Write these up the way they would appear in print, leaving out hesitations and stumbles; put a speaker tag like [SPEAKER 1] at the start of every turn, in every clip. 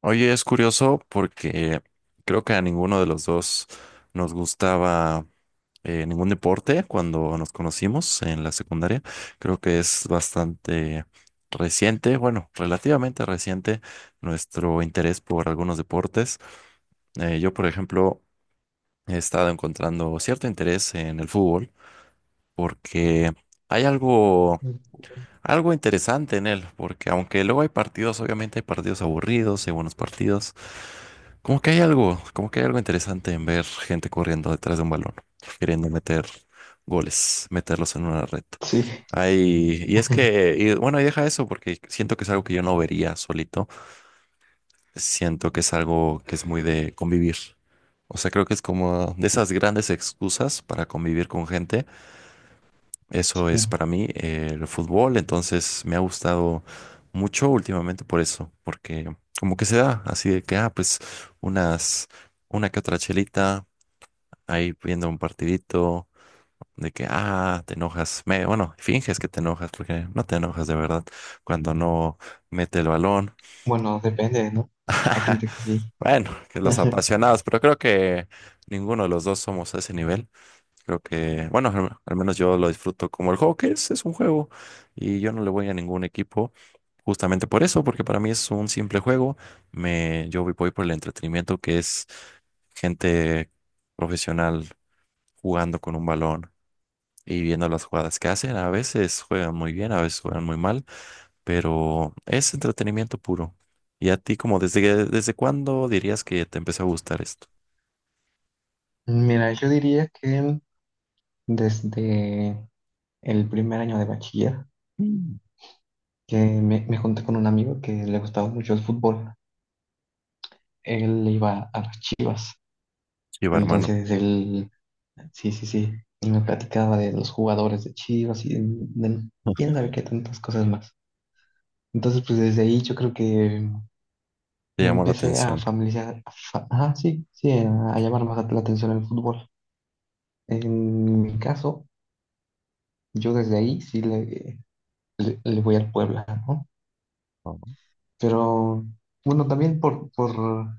[SPEAKER 1] Oye, es curioso porque creo que a ninguno de los dos nos gustaba ningún deporte cuando nos conocimos en la secundaria. Creo que es bastante reciente, bueno, relativamente reciente nuestro interés por algunos deportes. Yo, por ejemplo, he estado encontrando cierto interés en el fútbol porque hay algo, algo interesante en él, porque aunque luego hay partidos, obviamente hay partidos aburridos, hay buenos partidos, como que hay algo interesante en ver gente corriendo detrás de un balón, queriendo meter goles, meterlos en una red.
[SPEAKER 2] Sí,
[SPEAKER 1] Ay, y bueno, y deja eso porque siento que es algo que yo no vería solito. Siento que es algo que es muy de convivir. O sea, creo que es como de esas grandes excusas para convivir con gente. Eso es
[SPEAKER 2] sí.
[SPEAKER 1] para mí, el fútbol, entonces me ha gustado mucho últimamente por eso, porque como que se da, así de que, ah, pues unas, una que otra chelita, ahí viendo un partidito, de que, ah, te enojas, bueno, finges que te enojas, porque no te enojas de verdad cuando no mete el balón.
[SPEAKER 2] Bueno, depende, ¿no? Hay gente que sí.
[SPEAKER 1] Bueno, que los apasionados, pero creo que ninguno de los dos somos a ese nivel. Creo que, bueno, al menos yo lo disfruto como el juego que es un juego, y yo no le voy a ningún equipo. Justamente por eso, porque para mí es un simple juego. Me, yo voy por el entretenimiento que es gente profesional jugando con un balón y viendo las jugadas que hacen. A veces juegan muy bien, a veces juegan muy mal, pero es entretenimiento puro. ¿Y a ti, como desde, que- desde cuándo dirías que te empezó a gustar esto?
[SPEAKER 2] Mira, yo diría que desde el primer año de bachiller,
[SPEAKER 1] Mm.
[SPEAKER 2] que me junté con un amigo que le gustaba mucho el fútbol. Él le iba a las Chivas.
[SPEAKER 1] Chiva, hermano,
[SPEAKER 2] Entonces sí, sí, sí. Y me platicaba de los jugadores de Chivas y de quién sabe qué tantas cosas más. Entonces, pues desde ahí yo creo que
[SPEAKER 1] te
[SPEAKER 2] me
[SPEAKER 1] llamó la
[SPEAKER 2] empecé a
[SPEAKER 1] atención.
[SPEAKER 2] familiarizar, ajá, sí, sí, a llamar más la atención el fútbol. En mi caso, yo desde ahí sí le voy al Puebla, ¿no?
[SPEAKER 1] Oh.
[SPEAKER 2] Pero bueno, también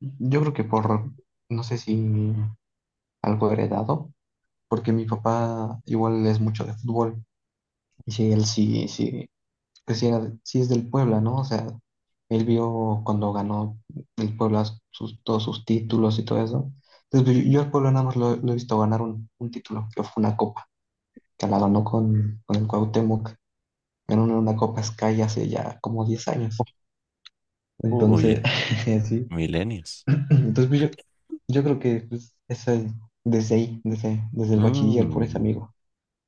[SPEAKER 2] yo creo que no sé si algo heredado, porque mi papá igual es mucho de fútbol, y sí, pues sí, sí es del Puebla, ¿no? O sea, él vio cuando ganó el Puebla todos sus títulos y todo eso. Entonces, pues, yo al Puebla nada más lo he visto ganar un título, que fue una copa, que la ganó con el Cuauhtémoc. Ganaron una Copa Sky hace ya como 10 años. Entonces,
[SPEAKER 1] Uy,
[SPEAKER 2] sí.
[SPEAKER 1] milenios.
[SPEAKER 2] Entonces, pues, yo creo que pues, desde ahí, desde el bachiller, por ese amigo.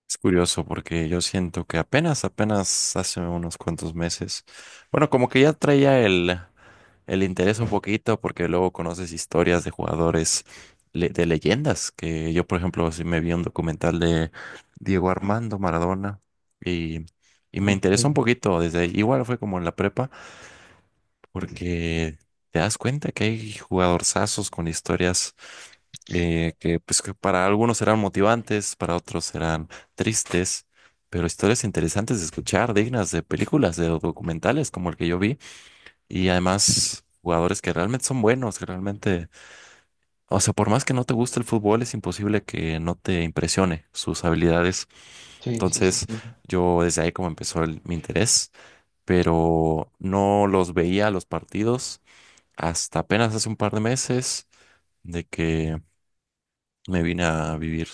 [SPEAKER 1] Es curioso porque yo siento que apenas, apenas hace unos cuantos meses, bueno, como que ya traía el interés un poquito porque luego conoces historias de jugadores, le- de leyendas, que yo, por ejemplo, sí me vi un documental de Diego Armando Maradona y, y me interesó un
[SPEAKER 2] Sí,
[SPEAKER 1] poquito desde, igual fue como en la prepa, porque te das cuenta que hay jugadorzazos con historias, que, pues, que para algunos serán motivantes, para otros serán tristes, pero historias interesantes de escuchar, dignas de películas, de documentales como el que yo vi, y además jugadores que realmente son buenos, que realmente, o sea, por más que no te guste el fútbol, es imposible que no te impresione sus habilidades.
[SPEAKER 2] sí, sí, sí,
[SPEAKER 1] Entonces,
[SPEAKER 2] sí.
[SPEAKER 1] yo desde ahí como empezó el- mi interés, pero no los veía los partidos hasta apenas hace un par de meses, de que me vine a vivir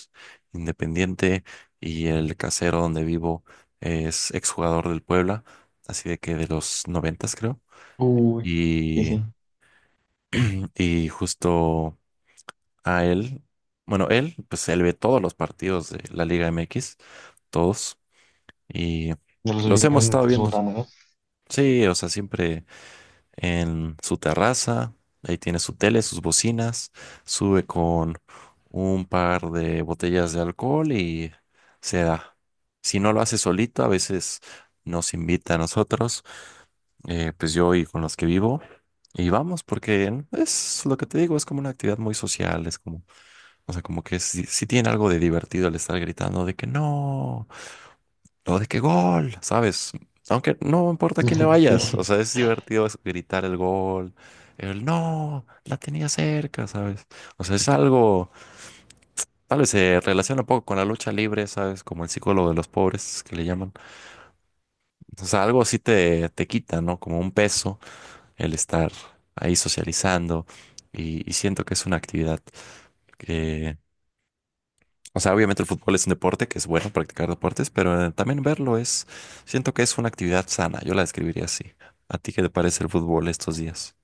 [SPEAKER 1] independiente y el casero donde vivo es exjugador del Puebla, así de que de los noventas, creo.
[SPEAKER 2] Uy, sí,
[SPEAKER 1] Y,
[SPEAKER 2] sí.
[SPEAKER 1] y justo a él, bueno, él, pues él ve todos los partidos de la Liga MX, todos, y
[SPEAKER 2] Ya los
[SPEAKER 1] los hemos
[SPEAKER 2] olvidaron
[SPEAKER 1] estado
[SPEAKER 2] de su
[SPEAKER 1] viendo.
[SPEAKER 2] botana, ¿no?
[SPEAKER 1] Sí, o sea, siempre en su terraza, ahí tiene su tele, sus bocinas, sube con un par de botellas de alcohol y se da. Si no lo hace solito, a veces nos invita a nosotros, pues yo y con los que vivo, y vamos, porque es lo que te digo, es como una actividad muy social, es como, o sea, como que sí, sí tiene algo de divertido el estar gritando de que no. Todo de que gol, ¿sabes? Aunque no importa a quién le vayas, o
[SPEAKER 2] Sí.
[SPEAKER 1] sea, es divertido es- gritar el gol, el no, la tenía cerca, ¿sabes? O sea, es algo, tal vez se relaciona un poco con la lucha libre, ¿sabes? Como el psicólogo de los pobres que le llaman. O sea, algo así te quita, ¿no? Como un peso el estar ahí socializando y siento que es una actividad. O sea, obviamente el fútbol es un deporte, que es bueno practicar deportes, pero también verlo es, siento que es una actividad sana, yo la describiría así. ¿A ti qué te parece el fútbol estos días?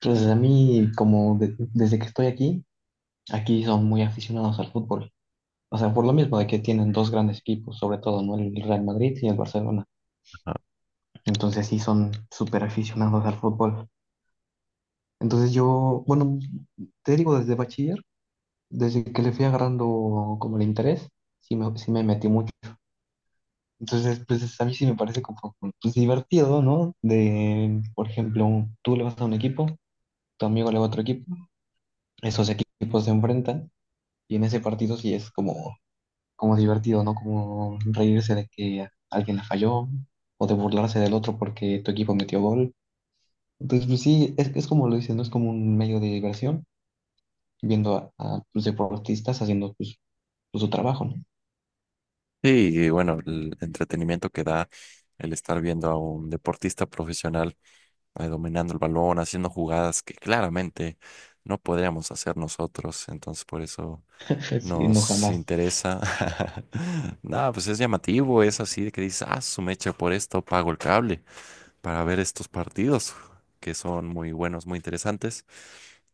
[SPEAKER 2] Pues a mí, desde que estoy aquí, aquí son muy aficionados al fútbol. O sea, por lo mismo de que tienen dos grandes equipos, sobre todo, ¿no? El Real Madrid y el Barcelona.
[SPEAKER 1] Ajá.
[SPEAKER 2] Entonces sí son súper aficionados al fútbol. Entonces yo, bueno, te digo, desde bachiller, desde que le fui agarrando como el interés, sí me metí mucho. Entonces, pues a mí sí me parece como pues, divertido, ¿no? De, por ejemplo, tú le vas a un equipo, tu amigo le va a otro equipo, esos equipos se enfrentan y en ese partido sí es como, como divertido, ¿no? Como reírse de que alguien la falló o de burlarse del otro porque tu equipo metió gol. Entonces, pues sí, es como lo dicen, ¿no? Es como un medio de diversión viendo a los deportistas haciendo pues, su trabajo, ¿no?
[SPEAKER 1] Sí, y bueno, el entretenimiento que da el estar viendo a un deportista profesional, dominando el balón, haciendo jugadas que claramente no podríamos hacer nosotros, entonces por eso
[SPEAKER 2] Sí, no
[SPEAKER 1] nos
[SPEAKER 2] jamás.
[SPEAKER 1] interesa. Nada, pues es llamativo, es así de que dices, ah, su mecha, por esto pago el cable, para ver estos partidos que son muy buenos, muy interesantes.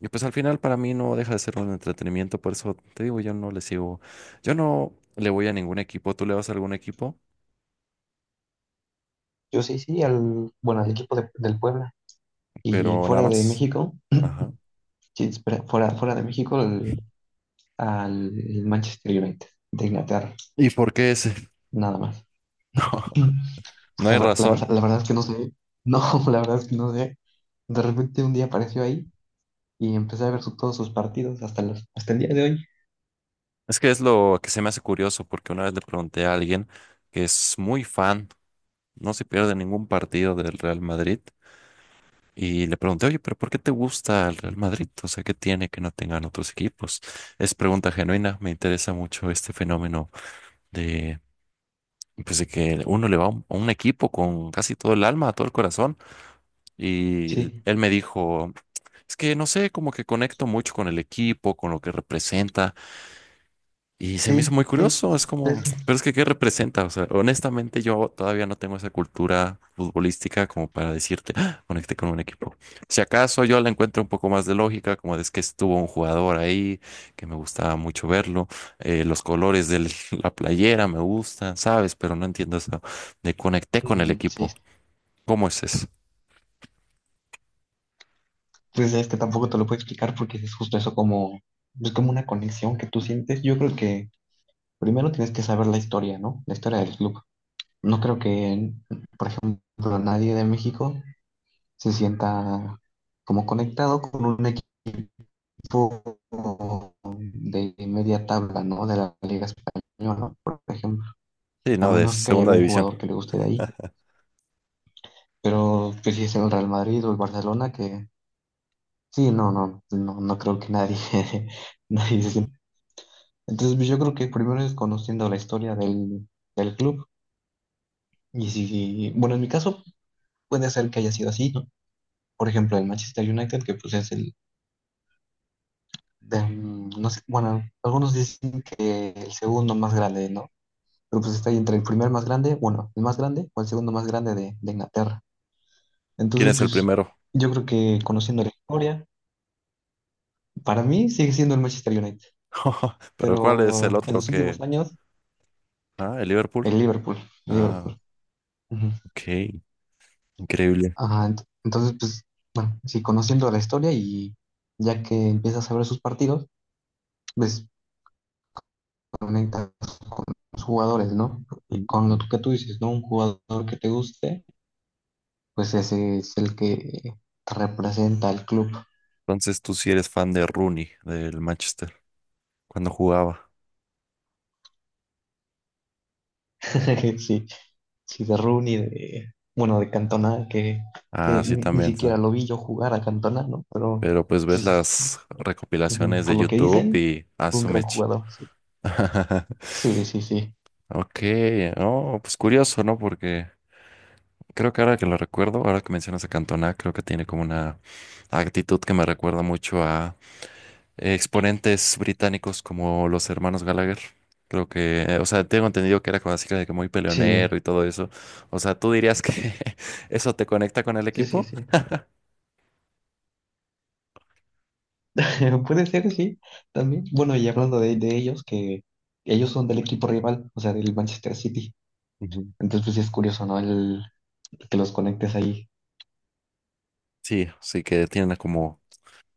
[SPEAKER 1] Y pues al final para mí no deja de ser un entretenimiento, por eso te digo, yo no le sigo, yo no le voy a ningún equipo, tú le vas a algún equipo,
[SPEAKER 2] Yo sí, sí, bueno, al equipo del Puebla. Y
[SPEAKER 1] pero nada
[SPEAKER 2] fuera de
[SPEAKER 1] más.
[SPEAKER 2] México,
[SPEAKER 1] Ajá.
[SPEAKER 2] sí, espera, fuera de México, al Manchester United de Inglaterra,
[SPEAKER 1] ¿Y por qué ese?
[SPEAKER 2] nada más.
[SPEAKER 1] No hay razón.
[SPEAKER 2] La verdad es que no sé, no, la verdad es que no sé. De repente un día apareció ahí y empecé a ver todos sus partidos hasta el día de hoy.
[SPEAKER 1] Es que es lo que se me hace curioso, porque una vez le pregunté a alguien que es muy fan, no se pierde ningún partido del Real Madrid, y le pregunté, oye, pero ¿por qué te gusta el Real Madrid? O sea, ¿qué tiene que no tengan otros equipos? Es pregunta genuina, me interesa mucho este fenómeno de, pues, de que uno le va a un equipo con casi todo el alma, todo el corazón. Y
[SPEAKER 2] Sí,
[SPEAKER 1] él me dijo, es que no sé, como que conecto mucho con el equipo, con lo que representa. Y se me hizo
[SPEAKER 2] sí,
[SPEAKER 1] muy
[SPEAKER 2] sí,
[SPEAKER 1] curioso, es
[SPEAKER 2] es
[SPEAKER 1] como,
[SPEAKER 2] eso.
[SPEAKER 1] pero es que ¿qué representa? O sea, honestamente yo todavía no tengo esa cultura futbolística como para decirte, "Ah, conecté con un equipo". Si acaso yo la encuentro un poco más de lógica, como de es que estuvo un jugador ahí, que me gustaba mucho verlo, los colores de la playera me gustan, ¿sabes? Pero no entiendo eso de conecté con el
[SPEAKER 2] Mm, sí,
[SPEAKER 1] equipo. ¿Cómo es eso?
[SPEAKER 2] pues es que tampoco te lo puedo explicar porque es justo eso como, es como una conexión que tú sientes. Yo creo que primero tienes que saber la historia, ¿no? La historia del club. No creo que, por ejemplo, nadie de México se sienta como conectado con un equipo de media tabla, ¿no? De la Liga Española, por ejemplo.
[SPEAKER 1] Sí,
[SPEAKER 2] A
[SPEAKER 1] no, de
[SPEAKER 2] menos que haya
[SPEAKER 1] segunda
[SPEAKER 2] algún
[SPEAKER 1] división.
[SPEAKER 2] jugador que le guste de ahí. Pero pues si es el Real Madrid o el Barcelona, que sí, no, no, no, no creo que nadie, nadie se sienta. Entonces, pues, yo creo que primero es conociendo la historia del club. Y si, bueno, en mi caso puede ser que haya sido así, ¿no? Por ejemplo, el Manchester United, que pues mm, no sé, bueno, algunos dicen que el segundo más grande, ¿no? Pero pues está ahí entre el primer más grande, bueno, el más grande o el segundo más grande de Inglaterra.
[SPEAKER 1] ¿Quién
[SPEAKER 2] Entonces,
[SPEAKER 1] es el
[SPEAKER 2] pues
[SPEAKER 1] primero?
[SPEAKER 2] yo creo que conociendo la historia, para mí sigue siendo el Manchester United,
[SPEAKER 1] Pero ¿cuál es el
[SPEAKER 2] pero en
[SPEAKER 1] otro
[SPEAKER 2] los últimos
[SPEAKER 1] que...
[SPEAKER 2] años,
[SPEAKER 1] Ah, el Liverpool.
[SPEAKER 2] el Liverpool,
[SPEAKER 1] Ah,
[SPEAKER 2] Liverpool.
[SPEAKER 1] ok. Increíble.
[SPEAKER 2] Ajá, entonces, pues, bueno, sí, conociendo la historia y ya que empiezas a ver sus partidos, pues conectas con los jugadores, ¿no? Y con lo
[SPEAKER 1] Mm.
[SPEAKER 2] que tú dices, ¿no? Un jugador que te guste, pues ese es el que te representa al club.
[SPEAKER 1] Entonces tú sí eres fan de Rooney, del Manchester, cuando jugaba.
[SPEAKER 2] Sí, sí, de Rooney, de, bueno, de Cantona,
[SPEAKER 1] Ah,
[SPEAKER 2] que
[SPEAKER 1] sí,
[SPEAKER 2] ni
[SPEAKER 1] también. Sí.
[SPEAKER 2] siquiera lo vi yo jugar a Cantona, ¿no? Pero,
[SPEAKER 1] Pero pues ves
[SPEAKER 2] pues,
[SPEAKER 1] las
[SPEAKER 2] ujú,
[SPEAKER 1] recopilaciones de
[SPEAKER 2] por lo que
[SPEAKER 1] YouTube
[SPEAKER 2] dicen,
[SPEAKER 1] y a
[SPEAKER 2] fue un
[SPEAKER 1] su
[SPEAKER 2] gran
[SPEAKER 1] mecha.
[SPEAKER 2] jugador, sí. Sí, sí, sí.
[SPEAKER 1] Ok, no, pues curioso, ¿no? Porque creo que ahora que lo recuerdo, ahora que mencionas a Cantona, creo que tiene como una actitud que me recuerda mucho exponentes británicos como los hermanos Gallagher. Creo que, o sea, tengo entendido que era como así de que muy peleonero
[SPEAKER 2] Sí,
[SPEAKER 1] y todo eso. O sea, ¿tú dirías que eso te conecta con el
[SPEAKER 2] sí, sí,
[SPEAKER 1] equipo?
[SPEAKER 2] sí. Puede ser, sí, también. Bueno, y hablando de ellos, que ellos son del equipo rival, o sea, del Manchester City.
[SPEAKER 1] Ujú.
[SPEAKER 2] Entonces, pues sí es curioso, ¿no? El, que los conectes ahí.
[SPEAKER 1] Sí, sí que tienen como,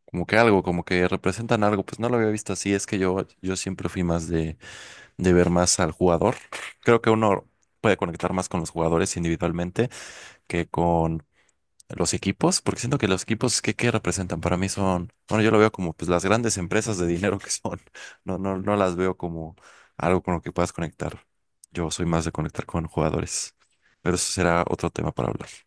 [SPEAKER 1] como que algo, como que representan algo. Pues no lo había visto así, es que yo siempre fui más de ver más al jugador. Creo que uno puede conectar más con los jugadores individualmente que con los equipos, porque siento que los equipos que representan para mí son, bueno, yo lo veo como pues las grandes empresas de dinero que son, no, no, no las veo como algo con lo que puedas conectar. Yo soy más de conectar con jugadores, pero eso será otro tema para hablar.